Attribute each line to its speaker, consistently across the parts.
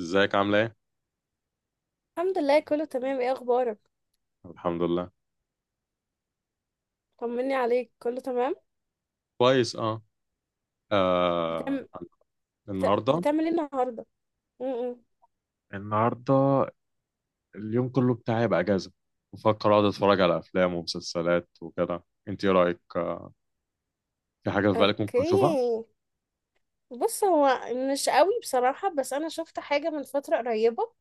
Speaker 1: ازيك عامله ايه؟
Speaker 2: الحمد لله، كله تمام. ايه اخبارك؟
Speaker 1: الحمد لله.
Speaker 2: طمني عليك، كله تمام؟
Speaker 1: كويس، اه، آه.
Speaker 2: بتعمل
Speaker 1: النهارده
Speaker 2: بتعمل ايه النهارده؟ امم
Speaker 1: النهارده اليوم كله بتاعي يبقى اجازه. بفكر اقعد اتفرج على افلام ومسلسلات وكده، انت ايه رايك؟ آه. في حاجه في بالك ممكن اشوفها؟
Speaker 2: اوكي. بص، هو مش قوي بصراحه، بس انا شفت حاجه من فتره قريبه.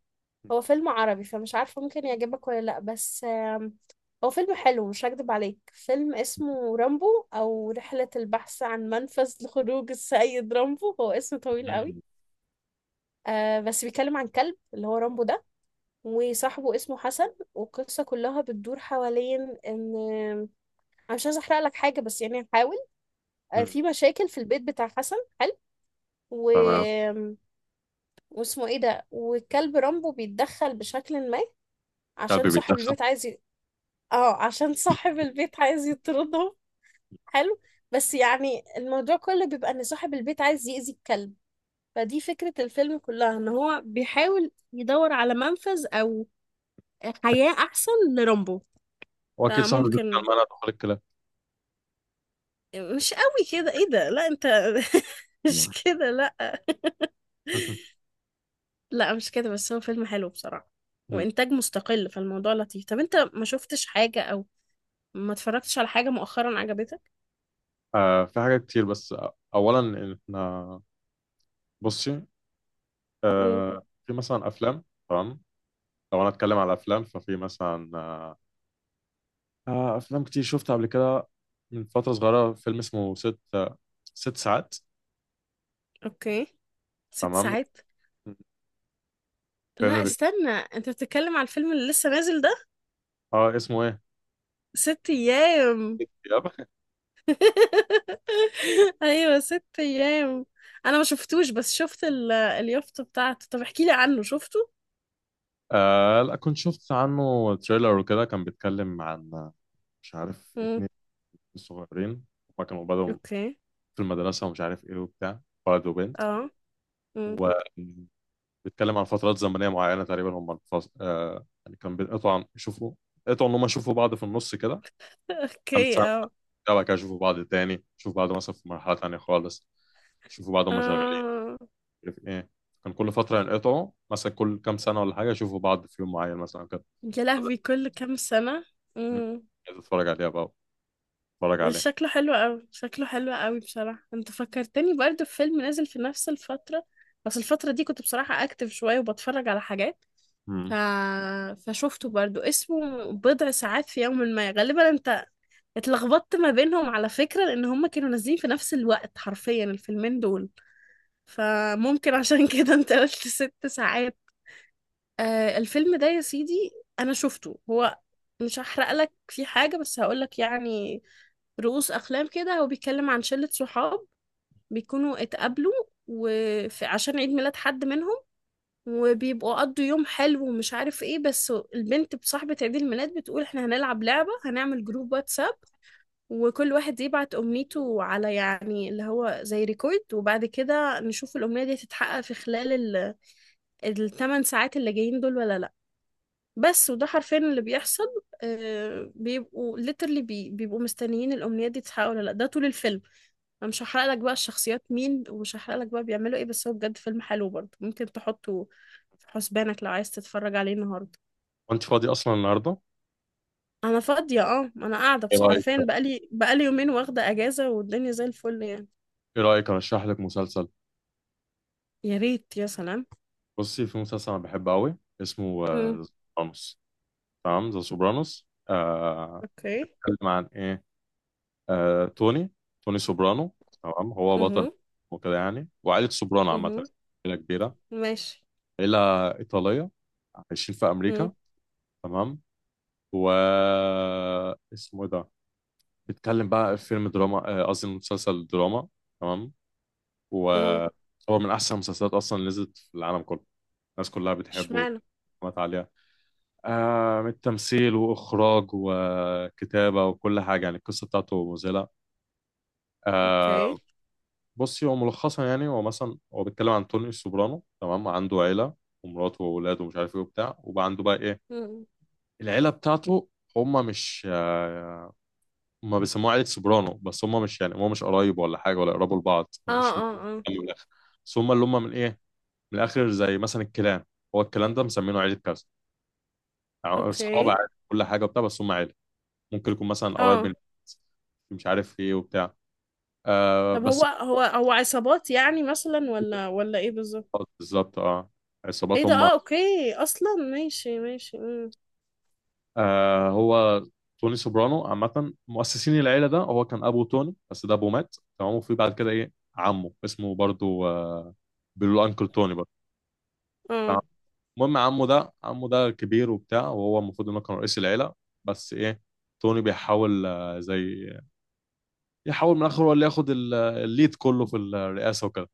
Speaker 2: هو فيلم عربي، فمش عارفه ممكن يعجبك ولا لا، بس هو فيلم حلو، مش هكدب عليك. فيلم اسمه رامبو، او رحله البحث عن منفذ لخروج السيد رامبو. هو اسم طويل قوي.
Speaker 1: مم.
Speaker 2: بس بيتكلم عن كلب، اللي هو رامبو ده، وصاحبه اسمه حسن. والقصة كلها بتدور حوالين، ان انا مش عايزة احرق لك حاجة، بس يعني هحاول.
Speaker 1: مم.
Speaker 2: في مشاكل في البيت بتاع حسن. حلو. و...
Speaker 1: تمام.
Speaker 2: واسمه ايه ده، والكلب رامبو بيتدخل بشكل ما. عشان
Speaker 1: قلبي
Speaker 2: صاحب
Speaker 1: بيتدخل.
Speaker 2: البيت عايز ي... اه عشان صاحب البيت عايز يطردهم. حلو. بس يعني الموضوع كله بيبقى ان صاحب البيت عايز يأذي الكلب. فدي فكرة الفيلم كلها، ان هو بيحاول يدور على منفذ او حياة احسن لرامبو.
Speaker 1: واكيد صاحبي
Speaker 2: فممكن
Speaker 1: بيتكلم انا ادخل الكلام.
Speaker 2: مش قوي كده. ايه ده؟ لا انت. مش كده، لا. لا مش كده، بس هو فيلم حلو بصراحة،
Speaker 1: مم.
Speaker 2: وانتاج مستقل. فالموضوع لطيف. طب انت ما شفتش حاجة، او ما اتفرجتش على حاجة مؤخرا عجبتك؟
Speaker 1: آه. في حاجات كتير، بس اولا احنا بصي.
Speaker 2: مم.
Speaker 1: في مثلا افلام، تمام. لو انا اتكلم على افلام ففي مثلا افلام كتير شفتها قبل كده. من فتره صغيره فيلم اسمه ست ست ساعات.
Speaker 2: اوكي. ست
Speaker 1: تمام.
Speaker 2: ساعات. لا،
Speaker 1: فيلم بت...
Speaker 2: استنى. انت بتتكلم على الفيلم اللي لسه نازل ده؟
Speaker 1: اه، اسمه ايه؟
Speaker 2: ست ايام؟
Speaker 1: يب.
Speaker 2: ايوه، ست ايام. انا ما شفتوش، بس شفت اليافطة بتاعته. طب احكي لي عنه، شفته.
Speaker 1: آه، لا، كنت شفت عنه تريلر وكده. كان بيتكلم عن مش عارف
Speaker 2: مم.
Speaker 1: اتنين صغيرين. هما كانوا بدأوا
Speaker 2: اوكي،
Speaker 1: في المدرسة، ومش عارف ايه وبتاع، ولد وبنت.
Speaker 2: اه. مم.
Speaker 1: وبيتكلم عن فترات زمنية معينة، تقريبا هما الفص... آه يعني كان بيقطعوا يشوفوا، قطعوا ان هما يشوفوا بعض في النص كده. خمسة.
Speaker 2: اوكي، اه،
Speaker 1: وبعد كده يشوفوا بعض تاني، يشوفوا بعض مثلا في مرحلة تانية خالص، يشوفوا بعض هما شغالين،
Speaker 2: اه.
Speaker 1: مش عارف ايه. كان كل فترة ينقطعوا مثلا كل كام سنة ولا حاجة، يشوفوا بعض في يوم معين مثلا كده.
Speaker 2: يا لهوي، كل كام سنة!
Speaker 1: مم.
Speaker 2: امم.
Speaker 1: عايز اتفرج عليها بقى، اتفرج
Speaker 2: بس
Speaker 1: عليه.
Speaker 2: شكله حلو قوي، شكله حلو قوي بصراحة. انت فكرتني برضه في فيلم نازل في نفس الفترة، بس الفترة دي كنت بصراحة اكتف شوية وبتفرج على حاجات. ف...
Speaker 1: مم.
Speaker 2: فشفته برضه، اسمه بضع ساعات في يوم ما. غالبا انت اتلخبطت ما بينهم على فكرة، لان هما كانوا نازلين في نفس الوقت حرفيا، الفيلمين دول. فممكن عشان كده انت قلت ست ساعات. آه، الفيلم ده يا سيدي، انا شفته. هو، مش هحرق لك فيه حاجة، بس هقول لك يعني رؤوس اقلام كده. هو بيتكلم عن شلة صحاب، بيكونوا اتقابلوا وفي عشان عيد ميلاد حد منهم، وبيبقوا قضوا يوم حلو ومش عارف ايه. بس البنت، بصاحبة عيد الميلاد، بتقول احنا هنلعب لعبة، هنعمل جروب واتساب، وكل واحد يبعت أمنيته على، يعني اللي هو زي ريكورد، وبعد كده نشوف الأمنية دي تتحقق في خلال الثمان ساعات اللي جايين دول ولا لأ. بس وده حرفيا اللي بيحصل. بيبقوا literally بيبقوا مستنيين الأمنيات دي تتحقق ولا لأ، ده طول الفيلم. أنا مش هحرق لك بقى الشخصيات مين، ومش هحرق لك بقى بيعملوا إيه، بس هو بجد فيلم حلو برضه. ممكن تحطه في حسبانك لو عايز تتفرج عليه النهاردة.
Speaker 1: وانت فاضي اصلا النهاردة؟
Speaker 2: أنا فاضية، أنا قاعدة،
Speaker 1: ايه
Speaker 2: بس
Speaker 1: رأيك
Speaker 2: حرفيا بقالي يومين واخدة أجازة، والدنيا زي الفل يعني.
Speaker 1: ايه رأيك ارشح لك مسلسل؟
Speaker 2: يا ريت، يا سلام.
Speaker 1: بصي، في مسلسل انا بحبه قوي، اسمه
Speaker 2: امم.
Speaker 1: سوبرانوس. تمام، ذا سوبرانوس.
Speaker 2: أوكي.
Speaker 1: بيتكلم عن ايه؟ آه، توني توني سوبرانو. تمام، هو بطل
Speaker 2: امم.
Speaker 1: وكده يعني، وعائلة سوبرانو عامة،
Speaker 2: امم.
Speaker 1: عائلة كبيرة،
Speaker 2: ماشي.
Speaker 1: عائلة إيطالية، عايشين في
Speaker 2: امم.
Speaker 1: أمريكا. تمام. و اسمه إيه ده، بيتكلم بقى في فيلم دراما، قصدي مسلسل دراما. تمام.
Speaker 2: امم.
Speaker 1: وهو من أحسن المسلسلات أصلا اللي نزلت في العالم كله، الناس كلها بتحبه
Speaker 2: اشمعنى؟
Speaker 1: ومات عليها. من التمثيل وإخراج وكتابة وكل حاجة، يعني القصة بتاعته مذهلة.
Speaker 2: أوكي.
Speaker 1: آه، بصي هو ملخصا يعني هو مثلا هو بيتكلم عن توني السوبرانو. تمام، عنده عيلة ومراته وأولاده ومش عارف إيه وبتاع، وبقى عنده بقى إيه
Speaker 2: امم.
Speaker 1: العيلة بتاعته. هما مش هما بيسموها عيلة سوبرانو، بس هما مش يعني هما مش قرايب ولا حاجة ولا يقربوا لبعض
Speaker 2: اه،
Speaker 1: ولا مش من
Speaker 2: اه، اه.
Speaker 1: الآخر. بس هما اللي هما من إيه، من الآخر زي مثلا الكلان. هو الكلان ده مسمينه عيلة كذا، يعني أصحاب
Speaker 2: اوكي،
Speaker 1: عادي كل حاجة وبتاع، بس هما عيلة. ممكن يكون مثلا قرايب
Speaker 2: اه.
Speaker 1: من، مش عارف إيه وبتاع، آه
Speaker 2: طب هو
Speaker 1: بس.
Speaker 2: هو هو عصابات يعني، مثلا؟ ولا ايه بالظبط؟
Speaker 1: بالظبط، اه،
Speaker 2: ايه
Speaker 1: عصابات
Speaker 2: ده؟
Speaker 1: هم.
Speaker 2: اه، اوكي اصلا. ماشي، ماشي. امم.
Speaker 1: هو توني سوبرانو عامة، مؤسسين العيلة ده هو كان أبو توني، بس ده أبوه مات. تمام، وفي بعد كده إيه عمه اسمه برضو بيقولوا له أنكل توني برضو.
Speaker 2: اه.
Speaker 1: المهم عمه ده كبير وبتاع، وهو المفروض إنه كان رئيس العيلة. بس إيه، توني بيحاول آه زي يحاول من الآخر هو اللي ياخد الليد كله في الرئاسة وكده.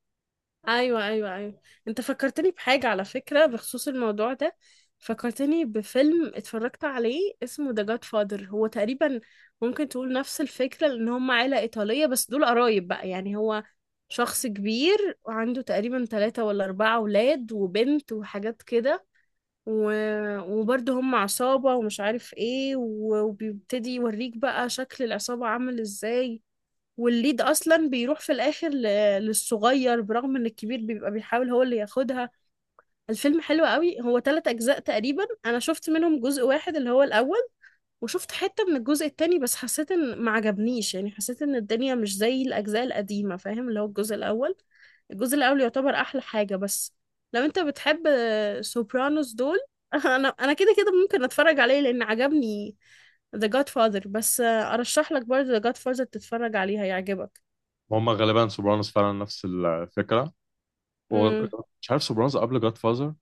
Speaker 2: ايوه، ايوه، ايوه. انت فكرتني بحاجه، على فكره، بخصوص الموضوع ده. فكرتني بفيلم اتفرجت عليه، اسمه ذا جاد فادر. هو تقريبا ممكن تقول نفس الفكره، لان هم عيله ايطاليه، بس دول قرايب بقى. يعني هو شخص كبير وعنده تقريبا ثلاثة ولا أربعة أولاد وبنت وحاجات كده. و... وبرضه هم عصابة، ومش عارف ايه، وبيبتدي يوريك بقى شكل العصابة عامل ازاي. والليد اصلا بيروح في الاخر للصغير، برغم ان الكبير بيبقى بيحاول هو اللي ياخدها. الفيلم حلو قوي، هو ثلاث اجزاء تقريبا. انا شفت منهم جزء واحد، اللي هو الاول، وشفت حتة من الجزء التاني، بس حسيت ان ما عجبنيش. يعني حسيت ان الدنيا مش زي الأجزاء القديمة، فاهم؟ اللي هو الجزء الأول، الجزء الأول يعتبر أحلى حاجة. بس لو أنت بتحب سوبرانوس دول، أنا كده كده ممكن أتفرج عليه لأن عجبني The Godfather. بس أرشح لك برضه The Godfather تتفرج عليه، هيعجبك.
Speaker 1: وهم غالبا سوبرانوس فعلا نفس الفكرة،
Speaker 2: امم.
Speaker 1: ومش عارف سوبرانوس قبل جاد فازر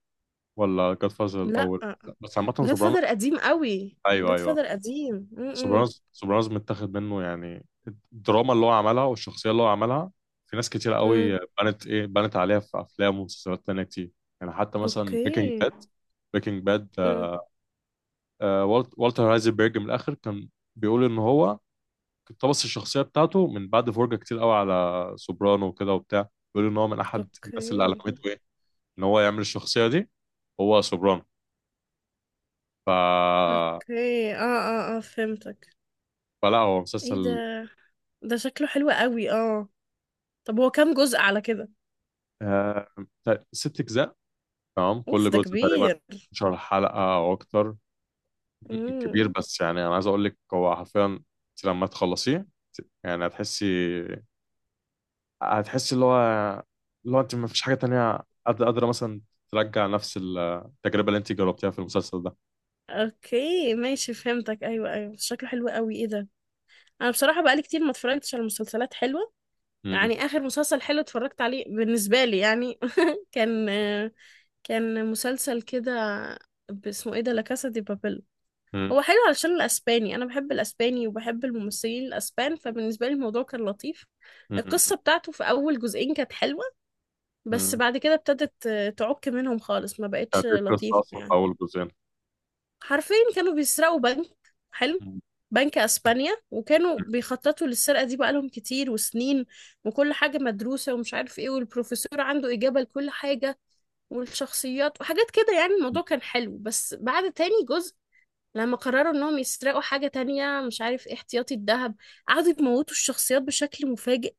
Speaker 1: ولا جاد فازر
Speaker 2: لا،
Speaker 1: الأول، بس عامة سوبرانوس.
Speaker 2: Godfather قديم قوي.
Speaker 1: أيوه، أيوه.
Speaker 2: Godfather قديم. امم.
Speaker 1: سوبرانوس سوبرانوس متاخد منه يعني، الدراما اللي هو عملها والشخصية اللي هو عملها، في ناس كتير
Speaker 2: امم.
Speaker 1: قوي بنت ايه بنت عليها في افلام ومسلسلات تانية كتير. يعني حتى مثلا
Speaker 2: اوكي.
Speaker 1: بريكنج باد، بريكنج باد
Speaker 2: امم.
Speaker 1: والتر هايزنبرج. من الاخر كان بيقول ان هو اقتبس الشخصية بتاعته من بعد فرجة كتير قوي على سوبرانو وكده وبتاع، بيقول ان هو من احد الناس اللي
Speaker 2: اوكي،
Speaker 1: علمته ايه ان هو يعمل الشخصية دي، هو سوبرانو. ف...
Speaker 2: اوكي. اه، اه، اه، فهمتك.
Speaker 1: فلا هو
Speaker 2: ايه ده
Speaker 1: مسلسل.
Speaker 2: ده شكله حلو قوي، اه. طب هو كام جزء على كده؟
Speaker 1: آه، ست اجزاء. تمام،
Speaker 2: اوف،
Speaker 1: كل
Speaker 2: ده
Speaker 1: جزء تقريبا
Speaker 2: كبير.
Speaker 1: 12 حلقة أو أكتر. مم. كبير،
Speaker 2: امم.
Speaker 1: بس يعني أنا عايز أقول لك هو حرفيا أنت لما تخلصيه، يعني هتحسي اللي هو أنت ما فيش حاجة تانية قادرة مثلا ترجع نفس التجربة اللي أنت جربتيها في المسلسل ده.
Speaker 2: اوكي، ماشي، فهمتك. ايوه، ايوه، شكله حلو قوي. ايه ده؟ انا بصراحه بقالي كتير ما اتفرجتش على مسلسلات حلوه.
Speaker 1: مم.
Speaker 2: يعني اخر مسلسل حلو اتفرجت عليه بالنسبه لي يعني كان كان مسلسل كده، اسمه ايه ده، لا كاسا دي بابل.
Speaker 1: مم.
Speaker 2: هو حلو علشان الاسباني، انا بحب الاسباني وبحب الممثلين الاسبان، فبالنسبه لي الموضوع كان لطيف.
Speaker 1: مم.
Speaker 2: القصه بتاعته في اول جزئين كانت حلوه، بس
Speaker 1: مم.
Speaker 2: بعد كده ابتدت تعك منهم خالص، ما بقتش
Speaker 1: كانت إيه القصة
Speaker 2: لطيفه
Speaker 1: أصلا في
Speaker 2: يعني.
Speaker 1: أول جزئين؟
Speaker 2: حرفيا كانوا بيسرقوا بنك. حلو.
Speaker 1: مم.
Speaker 2: بنك اسبانيا، وكانوا بيخططوا للسرقه دي بقالهم كتير وسنين، وكل حاجه مدروسه ومش عارف ايه، والبروفيسور عنده اجابه لكل حاجه، والشخصيات وحاجات كده. يعني الموضوع كان حلو، بس بعد تاني جزء، لما قرروا انهم يسرقوا حاجة تانية، مش عارف إيه، احتياطي الذهب، قعدوا يموتوا الشخصيات بشكل مفاجئ.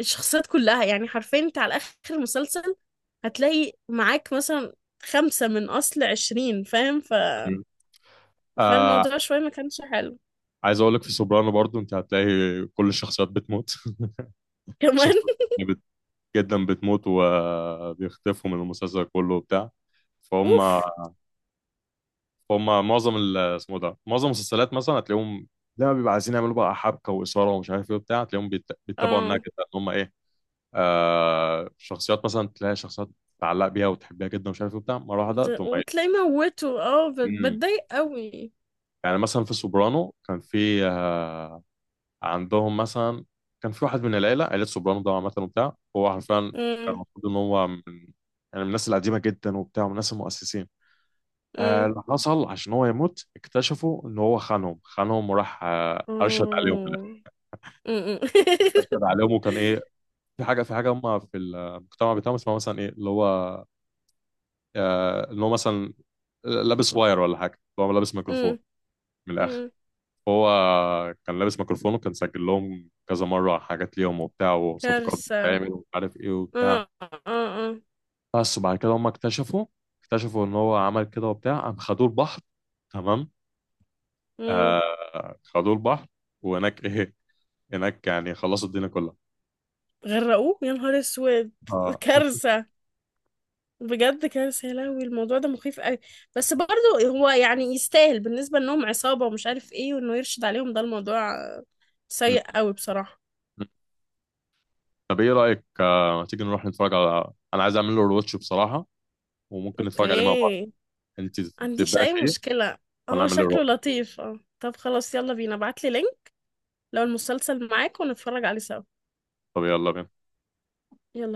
Speaker 2: الشخصيات كلها، يعني حرفيا انت على اخر المسلسل هتلاقي معاك مثلا خمسة من اصل 20، فاهم؟
Speaker 1: مم. آه
Speaker 2: فالموضوع شوية ما كانش حلو.
Speaker 1: عايز أقول لك في سوبرانو برضو أنت هتلاقي كل الشخصيات بتموت.
Speaker 2: كمان.
Speaker 1: شخصيات جدا بتموت وبيختفوا من المسلسل كله وبتاع، فهم
Speaker 2: اوف.
Speaker 1: فهم معظم اسمه ده معظم المسلسلات مثلا هتلاقيهم لما بيبقى عايزين يعملوا بقى حبكه واثاره ومش عارف ايه وبتاع، هتلاقيهم بيتبعوا النهج
Speaker 2: اه.
Speaker 1: ده ان هم ايه. شخصيات مثلا تلاقي شخصيات تعلق بيها وتحبها جدا ومش عارف ايه وبتاع، مره واحده تقوم ميت.
Speaker 2: وتلاقي موته،
Speaker 1: مم.
Speaker 2: بتضايق قوي.
Speaker 1: يعني مثلا في سوبرانو كان في عندهم مثلا، كان في واحد من العيله عيله سوبرانو ده عامه وبتاع، هو حرفيا كان
Speaker 2: أمم،
Speaker 1: المفروض ان هو من يعني من الناس القديمه جدا وبتاع ومن الناس المؤسسين.
Speaker 2: أمم،
Speaker 1: اللي حصل عشان هو يموت، اكتشفوا ان هو خانهم، خانهم وراح ارشد عليهم في الآخر.
Speaker 2: أمم، أمم.
Speaker 1: ارشد عليهم، وكان ايه، في حاجه هم في المجتمع بتاعهم اسمها مثلا ايه اللي هو ان هو مثلا لابس واير ولا حاجه، هو لابس ميكروفون.
Speaker 2: أمم،
Speaker 1: من الاخر
Speaker 2: أمم.
Speaker 1: هو كان لابس ميكروفون، وكان سجل لهم كذا مره حاجات ليهم وبتاع وصفقات
Speaker 2: كارثة.
Speaker 1: بتتعمل ومش عارف ايه وبتاع.
Speaker 2: اه، اه، اه.
Speaker 1: بس وبعد كده هم اكتشفوا ان هو عمل كده وبتاع، قام خدوه البحر. تمام،
Speaker 2: مم.
Speaker 1: خدوه البحر، وهناك ايه، هناك يعني خلصوا الدنيا كلها.
Speaker 2: غرقوه، يا نهار اسود.
Speaker 1: آه.
Speaker 2: كارثة، بجد كارثة. يا لهوي، الموضوع ده مخيف قوي. بس برضه هو يعني يستاهل، بالنسبة انهم عصابة ومش عارف ايه، وانه يرشد عليهم، ده الموضوع سيء
Speaker 1: م-
Speaker 2: قوي بصراحة.
Speaker 1: م. طب ايه رأيك ما تيجي نروح نتفرج على، انا عايز اعمل له روتش بصراحة، وممكن نتفرج عليه مع بعض.
Speaker 2: اوكي،
Speaker 1: انت
Speaker 2: عنديش
Speaker 1: تبدأ
Speaker 2: اي
Speaker 1: فيه
Speaker 2: مشكلة.
Speaker 1: وانا
Speaker 2: هو
Speaker 1: اعمل له
Speaker 2: شكله
Speaker 1: روتش.
Speaker 2: لطيف، اه. طب خلاص، يلا بينا، ابعتلي لينك لو المسلسل معاك ونتفرج عليه سوا.
Speaker 1: طب يلا بينا.
Speaker 2: يلا.